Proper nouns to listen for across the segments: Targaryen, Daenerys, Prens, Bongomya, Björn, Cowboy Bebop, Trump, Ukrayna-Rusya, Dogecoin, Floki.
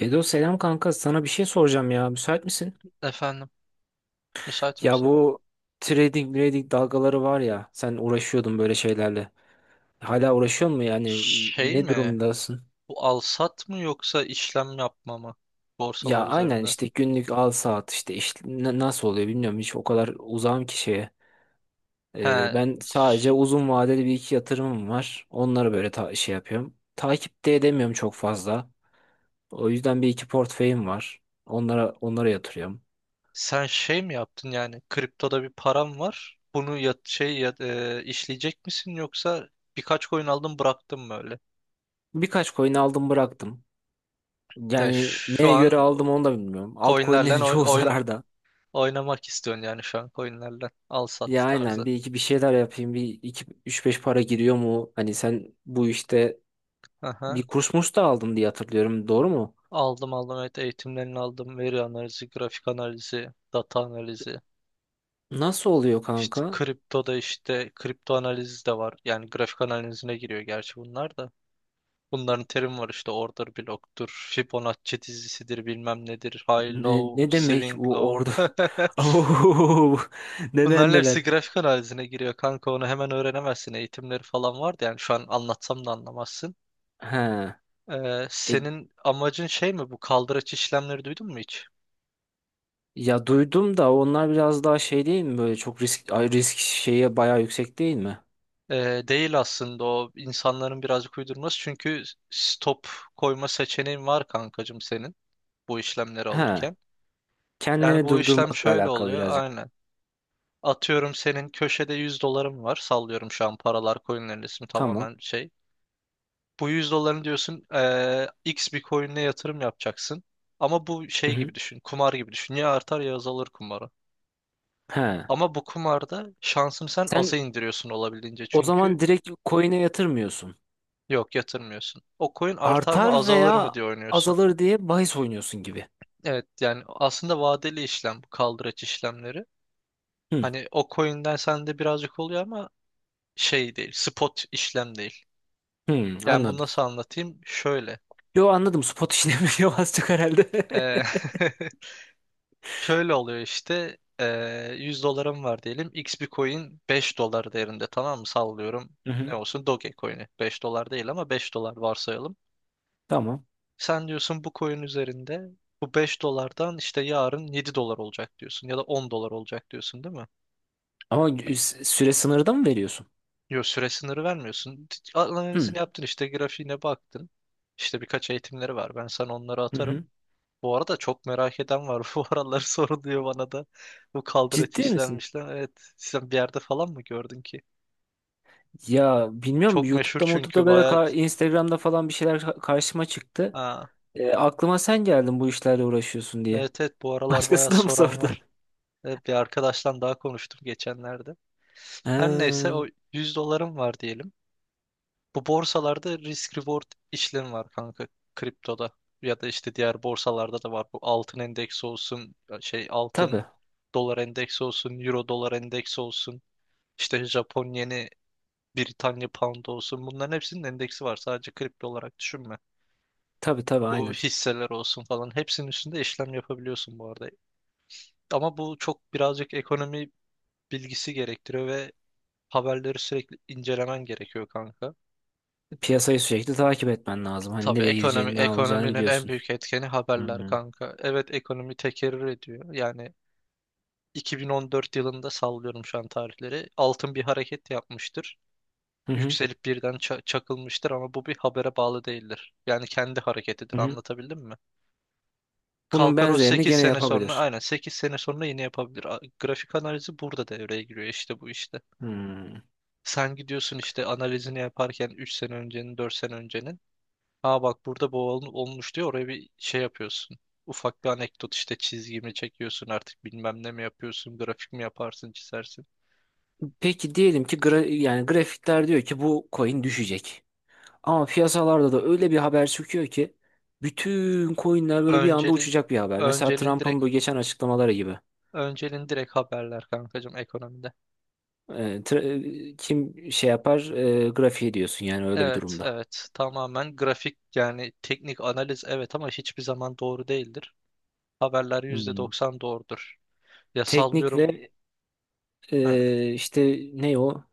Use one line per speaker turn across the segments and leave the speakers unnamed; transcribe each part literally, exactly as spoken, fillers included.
Bedo selam kanka sana bir şey soracağım ya müsait misin?
Efendim, müsait
Ya
misin?
bu trading trading dalgaları var ya sen uğraşıyordun böyle şeylerle. Hala uğraşıyor mu yani
Şey
ne
mi?
durumdasın?
Bu alsat mı yoksa işlem yapma mı?
Ya
Borsalar
aynen
üzerinde.
işte günlük al saat işte, iş na- nasıl oluyor bilmiyorum hiç o kadar uzağım ki şeye. Ee,
He,
ben sadece
ş-
uzun vadeli bir iki yatırımım var. Onları böyle ta şey yapıyorum. Takip de edemiyorum çok fazla. O yüzden bir iki portföyüm var. Onlara onlara yatırıyorum.
sen şey mi yaptın yani? Kriptoda bir param var. Bunu ya, şey ya, e, işleyecek misin yoksa birkaç coin aldın bıraktın mı öyle?
Birkaç coin aldım bıraktım.
Yani
Yani
şu
neye göre
an
aldım
o
onu da bilmiyorum. Altcoin'lerin
coinlerle oy-
çoğu
oyn-
zararda.
oynamak istiyorsun yani şu an coinlerle. Alsat
Ya aynen
tarzı.
bir iki bir şeyler yapayım. Bir iki üç beş para giriyor mu? Hani sen bu işte bir
Aha.
kurs murs da aldın diye hatırlıyorum. Doğru mu?
Aldım, aldım, evet, eğitimlerini aldım. Veri analizi, grafik analizi, data analizi.
Nasıl oluyor
İşte
kanka?
kripto da işte kripto analizi de var. Yani grafik analizine giriyor gerçi bunlar da. Bunların terim var işte order block'tur, Fibonacci dizisidir, bilmem nedir, high
Ne,
low,
ne demek
swing
bu orada?
low.
Au, neden
Bunların hepsi
neler?
grafik analizine giriyor kanka, onu hemen öğrenemezsin. Eğitimleri falan vardı, yani şu an anlatsam da anlamazsın.
Ha.
Ee,
E,
senin amacın şey mi, bu kaldıraç işlemleri duydun mu hiç?
Ya duydum da onlar biraz daha şey değil mi? Böyle çok risk ay, risk şeye bayağı yüksek değil mi?
Ee, değil aslında, o insanların birazcık uydurması, çünkü stop koyma seçeneğin var kankacığım senin, bu işlemleri
Ha.
alırken. Yani
Kendini
bu işlem
durdurmakla
şöyle
alakalı
oluyor
birazcık.
aynen. Atıyorum, senin köşede yüz dolarım var. Sallıyorum şu an, paralar coinlerin ismi
Tamam.
tamamen şey. Bu yüz doların diyorsun, eee, X bir coin'e yatırım yapacaksın. Ama bu
Hı
şey
hı.
gibi düşün. Kumar gibi düşün. Ya artar ya azalır kumarı.
He.
Ama bu kumarda şansını sen
Sen
aza indiriyorsun olabildiğince.
o zaman
Çünkü
direkt coin'e yatırmıyorsun.
yok yatırmıyorsun. O coin artar mı
Artar
azalır
veya
mı diye oynuyorsun.
azalır diye bahis oynuyorsun gibi.
Evet, yani aslında vadeli işlem bu kaldıraç işlemleri.
Hı,
Hani o coin'den sende birazcık oluyor ama şey değil, spot işlem değil.
hı,
Yani bunu
anladım.
nasıl anlatayım? Şöyle.
Yo anladım. Spot işlemi yok az çok herhalde.
Ee, şöyle oluyor işte. Ee, yüz dolarım var diyelim. X bir coin beş dolar değerinde, tamam mı? Sallıyorum.
Hı
Ne
hı.
olsun? Dogecoin'i. Beş dolar değil ama beş dolar varsayalım.
Tamam.
Sen diyorsun bu coin üzerinde, bu beş dolardan işte yarın yedi dolar olacak diyorsun ya da on dolar olacak diyorsun değil mi?
Ama sü- süre sınırda mı veriyorsun?
Yok, süre sınırı vermiyorsun.
Hı,
Analizini yaptın, işte grafiğine baktın. İşte birkaç eğitimleri var. Ben sana onları
hı
atarım.
hı.
Bu arada çok merak eden var. Bu aralar soruluyor bana da. Bu kaldıraç
Ciddi misin?
işlenmişler. Evet. Sen bir yerde falan mı gördün ki?
Ya bilmiyorum
Çok meşhur
YouTube'da
çünkü
YouTube'da böyle
baya...
ka- Instagram'da falan bir şeyler ka- karşıma çıktı.
Ha,
E, aklıma sen geldin bu işlerle uğraşıyorsun diye.
evet evet, bu aralar baya
Başkası da mı
soran
sordu?
var. Evet, bir arkadaştan daha konuştum geçenlerde. Her neyse,
Ha,
o yüz dolarım var diyelim. Bu borsalarda risk reward işlemi var kanka, kriptoda. Ya da işte diğer borsalarda da var. Bu altın endeksi olsun, şey altın
tabii.
dolar endeksi olsun, euro dolar endeksi olsun. İşte Japon yeni, Britanya Pound olsun, bunların hepsinin endeksi var. Sadece kripto olarak düşünme.
Tabii tabii
Bu
aynen.
hisseler olsun falan, hepsinin üstünde işlem yapabiliyorsun bu arada. Ama bu çok birazcık ekonomi bilgisi gerektiriyor ve haberleri sürekli incelemen gerekiyor kanka.
Piyasayı sürekli takip etmen lazım. Hani
Tabii
nereye
ekonomi
gideceğini, ne olacağını
ekonominin en
biliyorsun.
büyük etkeni
Hı
haberler
hı.
kanka. Evet, ekonomi tekerrür ediyor. Yani iki bin on dört yılında sallıyorum şu an tarihleri. Altın bir hareket yapmıştır.
Hı hı.
Yükselip birden ça- çakılmıştır ama bu bir habere bağlı değildir. Yani kendi hareketidir,
Hı hı.
anlatabildim mi?
Bunun
Kalkar o
benzerini
sekiz
gene
sene sonra
yapabilir.
aynen sekiz sene sonra yine yapabilir. A- Grafik analizi burada devreye giriyor işte, bu işte.
Hmm.
Sen gidiyorsun işte analizini yaparken üç sene öncenin, dört sene öncenin. Ha, bak burada bu ol- olmuş diyor, oraya bir şey yapıyorsun. Ufak bir anekdot işte, çizgi mi çekiyorsun artık, bilmem ne mi yapıyorsun, grafik mi yaparsın, çizersin.
Peki diyelim ki gra yani grafikler diyor ki bu coin düşecek. Ama piyasalarda da öyle bir haber çıkıyor ki bütün coinler böyle bir anda
Öncelin
uçacak bir haber. Mesela
öncelin
Trump'ın
direkt
bu geçen açıklamaları gibi.
öncelin direkt haberler kankacığım ekonomide.
Ee, tra- e, kim şey yapar e, grafiği diyorsun yani öyle bir
Evet
durumda.
evet, tamamen grafik, yani teknik analiz, evet, ama hiçbir zaman doğru değildir. Haberler yüzde
Hmm.
doksan doğrudur. Ya,
Teknik
sallıyorum.
ve
Ha,
e, işte ne o?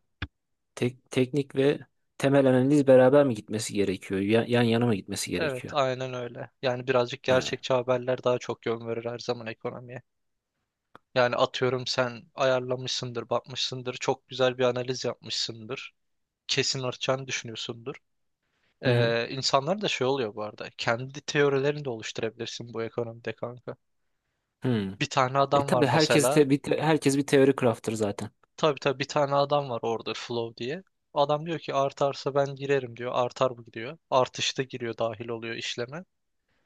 Tek, teknik ve temel analiz beraber mi gitmesi gerekiyor? Yan, yan yana mı gitmesi
evet,
gerekiyor?
aynen öyle. Yani birazcık
Ha.
gerçekçi haberler daha çok yön verir her zaman ekonomiye. Yani atıyorum sen ayarlamışsındır, bakmışsındır, çok güzel bir analiz yapmışsındır. Kesin artacağını düşünüyorsundur.
Hı hı.
Ee, insanlar da şey oluyor bu arada. Kendi teorilerini de oluşturabilirsin bu ekonomide kanka.
Hı.
Bir tane
E
adam var
tabii herkes
mesela.
te- bir te- herkes bir teori craft'tır zaten.
Tabii tabii, bir tane adam var orada, Flow diye. Adam diyor ki artarsa ben girerim diyor. Artar bu diyor. Artışta giriyor, dahil oluyor işleme.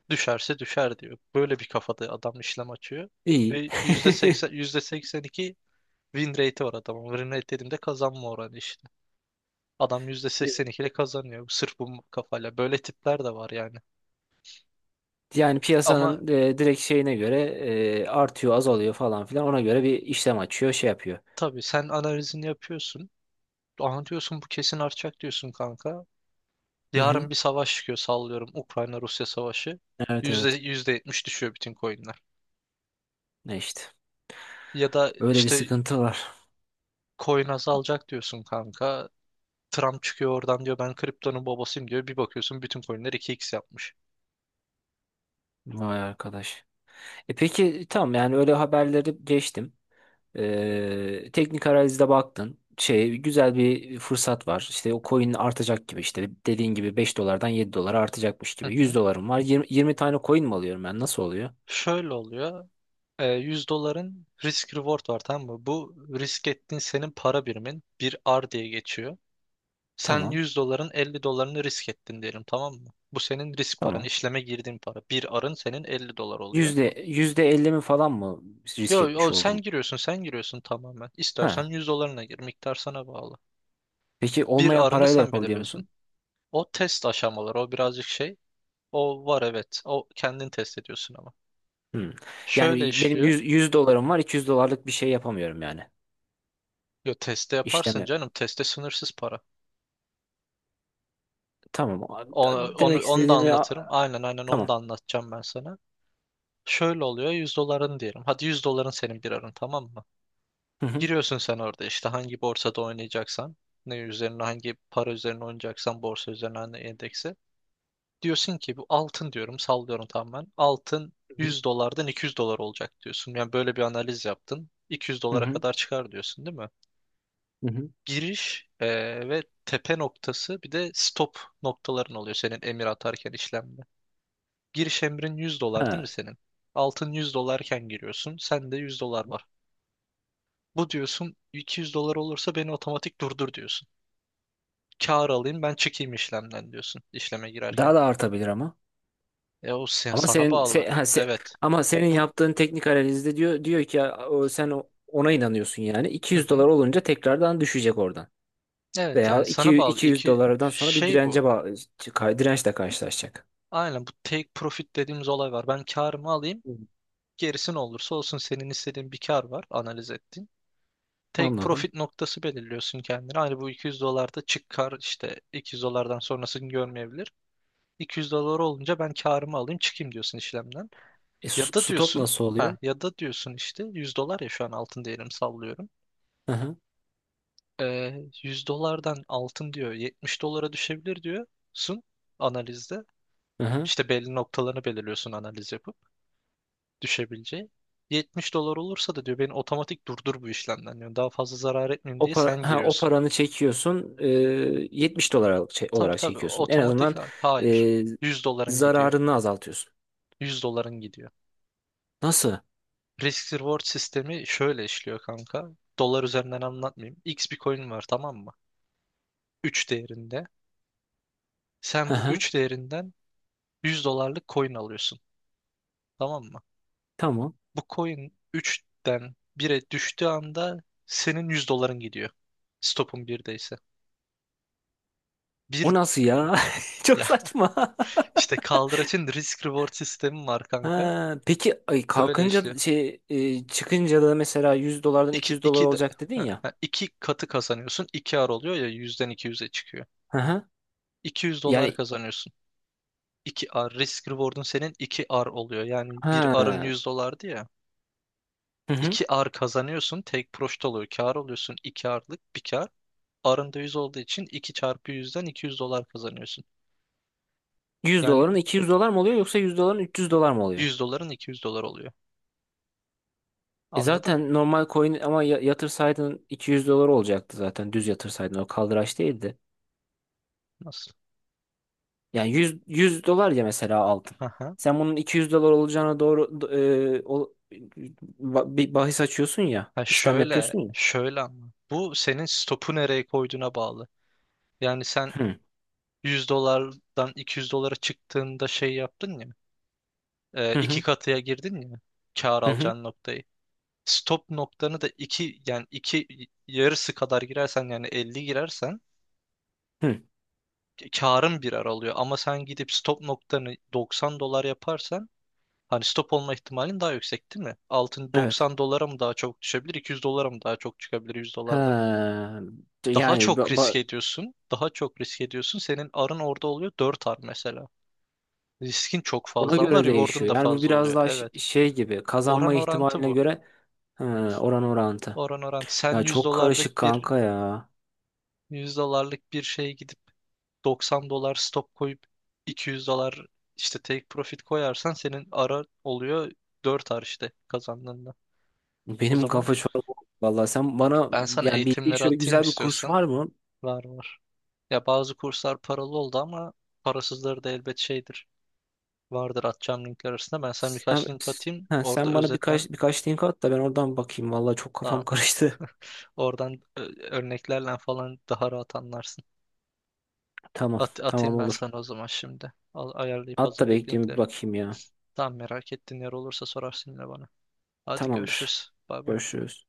Düşerse düşer diyor. Böyle bir kafada adam işlem açıyor. Ve
İyi.
yüzde yüzde seksen yüzde seksen iki win rate'i var adamın. Win rate dediğimde kazanma oranı işte. Adam yüzde seksen iki ile kazanıyor. Sırf bu kafayla. Böyle tipler de var yani.
Yani
Ama
piyasanın e, direkt şeyine göre e, artıyor, azalıyor falan filan. Ona göre bir işlem açıyor, şey yapıyor.
tabii sen analizini yapıyorsun. Aha diyorsun, bu kesin artacak diyorsun kanka.
Hı hı.
Yarın bir savaş çıkıyor sallıyorum. Ukrayna-Rusya savaşı.
Evet
Yüzde,
evet.
yüzde yetmiş düşüyor bütün coinler.
Ne işte.
Ya da
Öyle bir
işte
sıkıntı var.
coin azalacak diyorsun kanka. Trump çıkıyor oradan diyor, ben kriptonun babasıyım diyor. Bir bakıyorsun bütün coinler iki x yapmış.
Vay arkadaş. E peki tamam yani öyle haberleri geçtim. Ee, teknik analizde baktın. Şey, güzel bir fırsat var. İşte o coin artacak gibi işte dediğin gibi beş dolardan yedi dolara artacakmış
Hı
gibi. Yüz
hı.
dolarım var. yirmi 20 tane coin mi alıyorum ben? Nasıl oluyor?
Şöyle oluyor. E, yüz doların risk reward var, tamam mı? Bu risk ettiğin, senin para birimin bir R diye geçiyor. Sen
Tamam.
yüz doların elli dolarını risk ettin diyelim, tamam mı? Bu senin risk paran,
Tamam.
işleme girdiğin para. Bir R'ın senin elli dolar oluyor.
Yüzde, yüzde elli mi falan mı
Yo,
risk etmiş
yo, sen
oldum?
giriyorsun, sen giriyorsun tamamen. İstersen
Ha.
yüz dolarına gir, miktar sana bağlı.
Peki
Bir
olmayan
R'ını
parayla
sen
yapabiliyor
belirliyorsun.
musun?
O test aşamaları, o birazcık şey. O var, evet. O kendin test ediyorsun ama.
Hmm.
Şöyle
Yani benim
işliyor.
yüz yüz dolarım var. iki yüz dolarlık bir şey yapamıyorum yani.
Yo, teste yaparsın
İşlemi.
canım. Teste sınırsız para.
Tamam. a- da-
Onu, onu,
Demek
onu da
istediğimi
anlatırım.
a-
Aynen aynen, onu
tamam.
da anlatacağım ben sana. Şöyle oluyor, yüz doların diyelim. Hadi, yüz doların senin bir arın, tamam mı?
Hı hı.
Giriyorsun sen orada işte hangi borsada oynayacaksan. Ne üzerine, hangi para üzerine oynayacaksan, borsa üzerine, hangi endeksi. Diyorsun ki bu altın diyorum, sallıyorum tamamen. Altın
Hı hı.
yüz dolardan iki yüz dolar olacak diyorsun. Yani böyle bir analiz yaptın. iki yüz
Hı
dolara
hı.
kadar çıkar diyorsun değil mi?
Hı hı.
Giriş e, ve tepe noktası, bir de stop noktaların oluyor senin emir atarken işlemde. Giriş emrin yüz dolar değil mi
Ha.
senin? Altın yüz dolarken giriyorsun. Sende yüz dolar var. Bu diyorsun, iki yüz dolar olursa beni otomatik durdur diyorsun. Kâr alayım, ben çıkayım işlemden diyorsun işleme girerken.
Daha da artabilir ama.
E o sen,
Ama
sana
senin
bağlı.
se, ha, se-
Evet.
ama senin
Bu
yaptığın teknik analizde diyor diyor ki ya, o, sen o- ona inanıyorsun yani.
hı
iki yüz dolar
hı.
olunca tekrardan düşecek oradan.
Evet,
Veya
yani sana
iki-
bağlı.
200
İki
dolardan sonra bir
şey
dirence
bu.
ba- ka- dirençle karşılaşacak.
Aynen, bu take profit dediğimiz olay var. Ben kârımı alayım.
Hı.
Gerisi ne olursa olsun, senin istediğin bir kar var, analiz ettiğin. Tek
Anladım.
profit noktası belirliyorsun kendine. Hani bu iki yüz dolarda çık kar, işte iki yüz dolardan sonrasını görmeyebilir. iki yüz dolar olunca ben karımı alayım, çıkayım diyorsun işlemden.
E,
Ya
s-
da
stop
diyorsun
nasıl oluyor?
ha Ya da diyorsun işte yüz dolar, ya şu an altın değerim sallıyorum.
Hı hı.
Ee, yüz dolardan altın diyor yetmiş dolara düşebilir diyorsun analizde.
Hı hı.
İşte belli noktalarını belirliyorsun analiz yapıp, düşebileceği. yetmiş dolar olursa da diyor, beni otomatik durdur bu işlemden diyor. Daha fazla zarar etmeyeyim
O
diye
para,
sen
ha, o
giriyorsun.
paranı çekiyorsun. e, yetmiş dolar al- çe-
Tabii
olarak
tabii
çekiyorsun. En
otomatik
azından
ha- hayır.
e,
Yüz doların gidiyor.
zararını azaltıyorsun.
Yüz doların gidiyor.
Nasıl?
Risk reward sistemi şöyle işliyor kanka. Dolar üzerinden anlatmayayım. X bir coin var, tamam mı? Üç değerinde. Sen
Hı
bu
hı.
üç değerinden yüz dolarlık coin alıyorsun. Tamam mı?
Tamam.
Bu coin üçten bire düştüğü anda senin yüz doların gidiyor. Stopun birdeyse
O
bir,
nasıl ya? Çok
ya,
saçma.
İşte kaldıraçın risk reward sistemi var kanka.
Ha, peki ay
Böyle
kalkınca
işliyor.
da- şey e, çıkınca da mesela yüz dolardan
İki,
iki yüz dolar
iki, de-
olacak dedin
ha,
ya.
ha, iki katı kazanıyorsun. İki ar oluyor ya, yüzden iki yüze çıkıyor.
Hı hı.
iki yüz dolar
Yani
kazanıyorsun. İki ar risk reward'un, senin iki ar oluyor. Yani bir arın
ha.
yüz dolardı ya.
Hı hı.
İki ar kazanıyorsun. Tek proşt oluyor. Kar oluyorsun. İki arlık bir kar. Arın da yüz olduğu için iki çarpı yüzden iki yüz dolar kazanıyorsun.
yüz doların
Yani
iki yüz dolar mı oluyor yoksa yüz doların üç yüz dolar mı oluyor?
yüz doların iki yüz dolar oluyor.
E
Anladın?
zaten normal coin ama ya- yatırsaydın iki yüz dolar olacaktı zaten düz yatırsaydın o kaldıraç değildi.
Nasıl?
Yani yüz, yüz dolar ya mesela aldın. Sen bunun iki yüz dolar olacağına doğru do- e, o, ba- bir bahis açıyorsun ya
Ha,
işlem
şöyle,
yapıyorsun ya.
şöyle ama. Bu senin stopu nereye koyduğuna bağlı. Yani sen
Hı.
yüz dolardan iki yüz dolara çıktığında şey yaptın ya. e,
Hı
iki
hı
katıya girdin ya. Kâr
hı hı.
alacağın noktayı. Stop noktanı da iki, yani iki yarısı kadar girersen, yani elli girersen
Hı.
karın birer alıyor. Ama sen gidip stop noktanı doksan dolar yaparsan, hani stop olma ihtimalin daha yüksek değil mi? Altın
Evet.
doksan dolara mı daha çok düşebilir, iki yüz dolara mı daha çok çıkabilir yüz dolardan?
Ha,
Daha
yani
çok
ba-
risk
ba-
ediyorsun. Daha çok risk ediyorsun. Senin arın orada oluyor, dört ar mesela. Riskin çok
ona
fazla ama
göre
reward'un
değişiyor.
da
Yani bu
fazla
biraz
oluyor.
daha ş-
Evet.
şey gibi kazanma
Oran orantı
ihtimaline
bu.
göre ha, oran orantı.
Oran orantı. Sen
Ya
yüz
çok karışık
dolarlık bir
kanka ya.
yüz dolarlık bir şeye gidip doksan dolar stop koyup iki yüz dolar işte take profit koyarsan, senin ara oluyor dört ar işte kazandığında. O
Benim
zaman
kafa çorba oldu. Vallahi sen bana
ben sana
yani bildiğin
eğitimleri
şöyle
atayım
güzel bir kurs
istiyorsan.
var mı?
Var, var. Ya, bazı kurslar paralı oldu ama parasızları da elbet şeydir. Vardır atacağım linkler arasında. Ben sana
Sen
birkaç link atayım.
ha,
Orada
sen bana
özetlen.
birkaç birkaç link at da ben oradan bakayım. Vallahi çok kafam
Tamam.
karıştı.
Oradan ö- örneklerle falan daha rahat anlarsın.
Tamam,
At
tamam
atayım ben
olur.
sana o zaman şimdi. Al ayarlayıp
At da
hazırlayıp
bekleyeyim bir
linkleri.
bakayım ya.
Tamam, merak ettiğin yer olursa sorarsın yine bana. Hadi
Tamamdır.
görüşürüz. Bay bay.
Görüşürüz.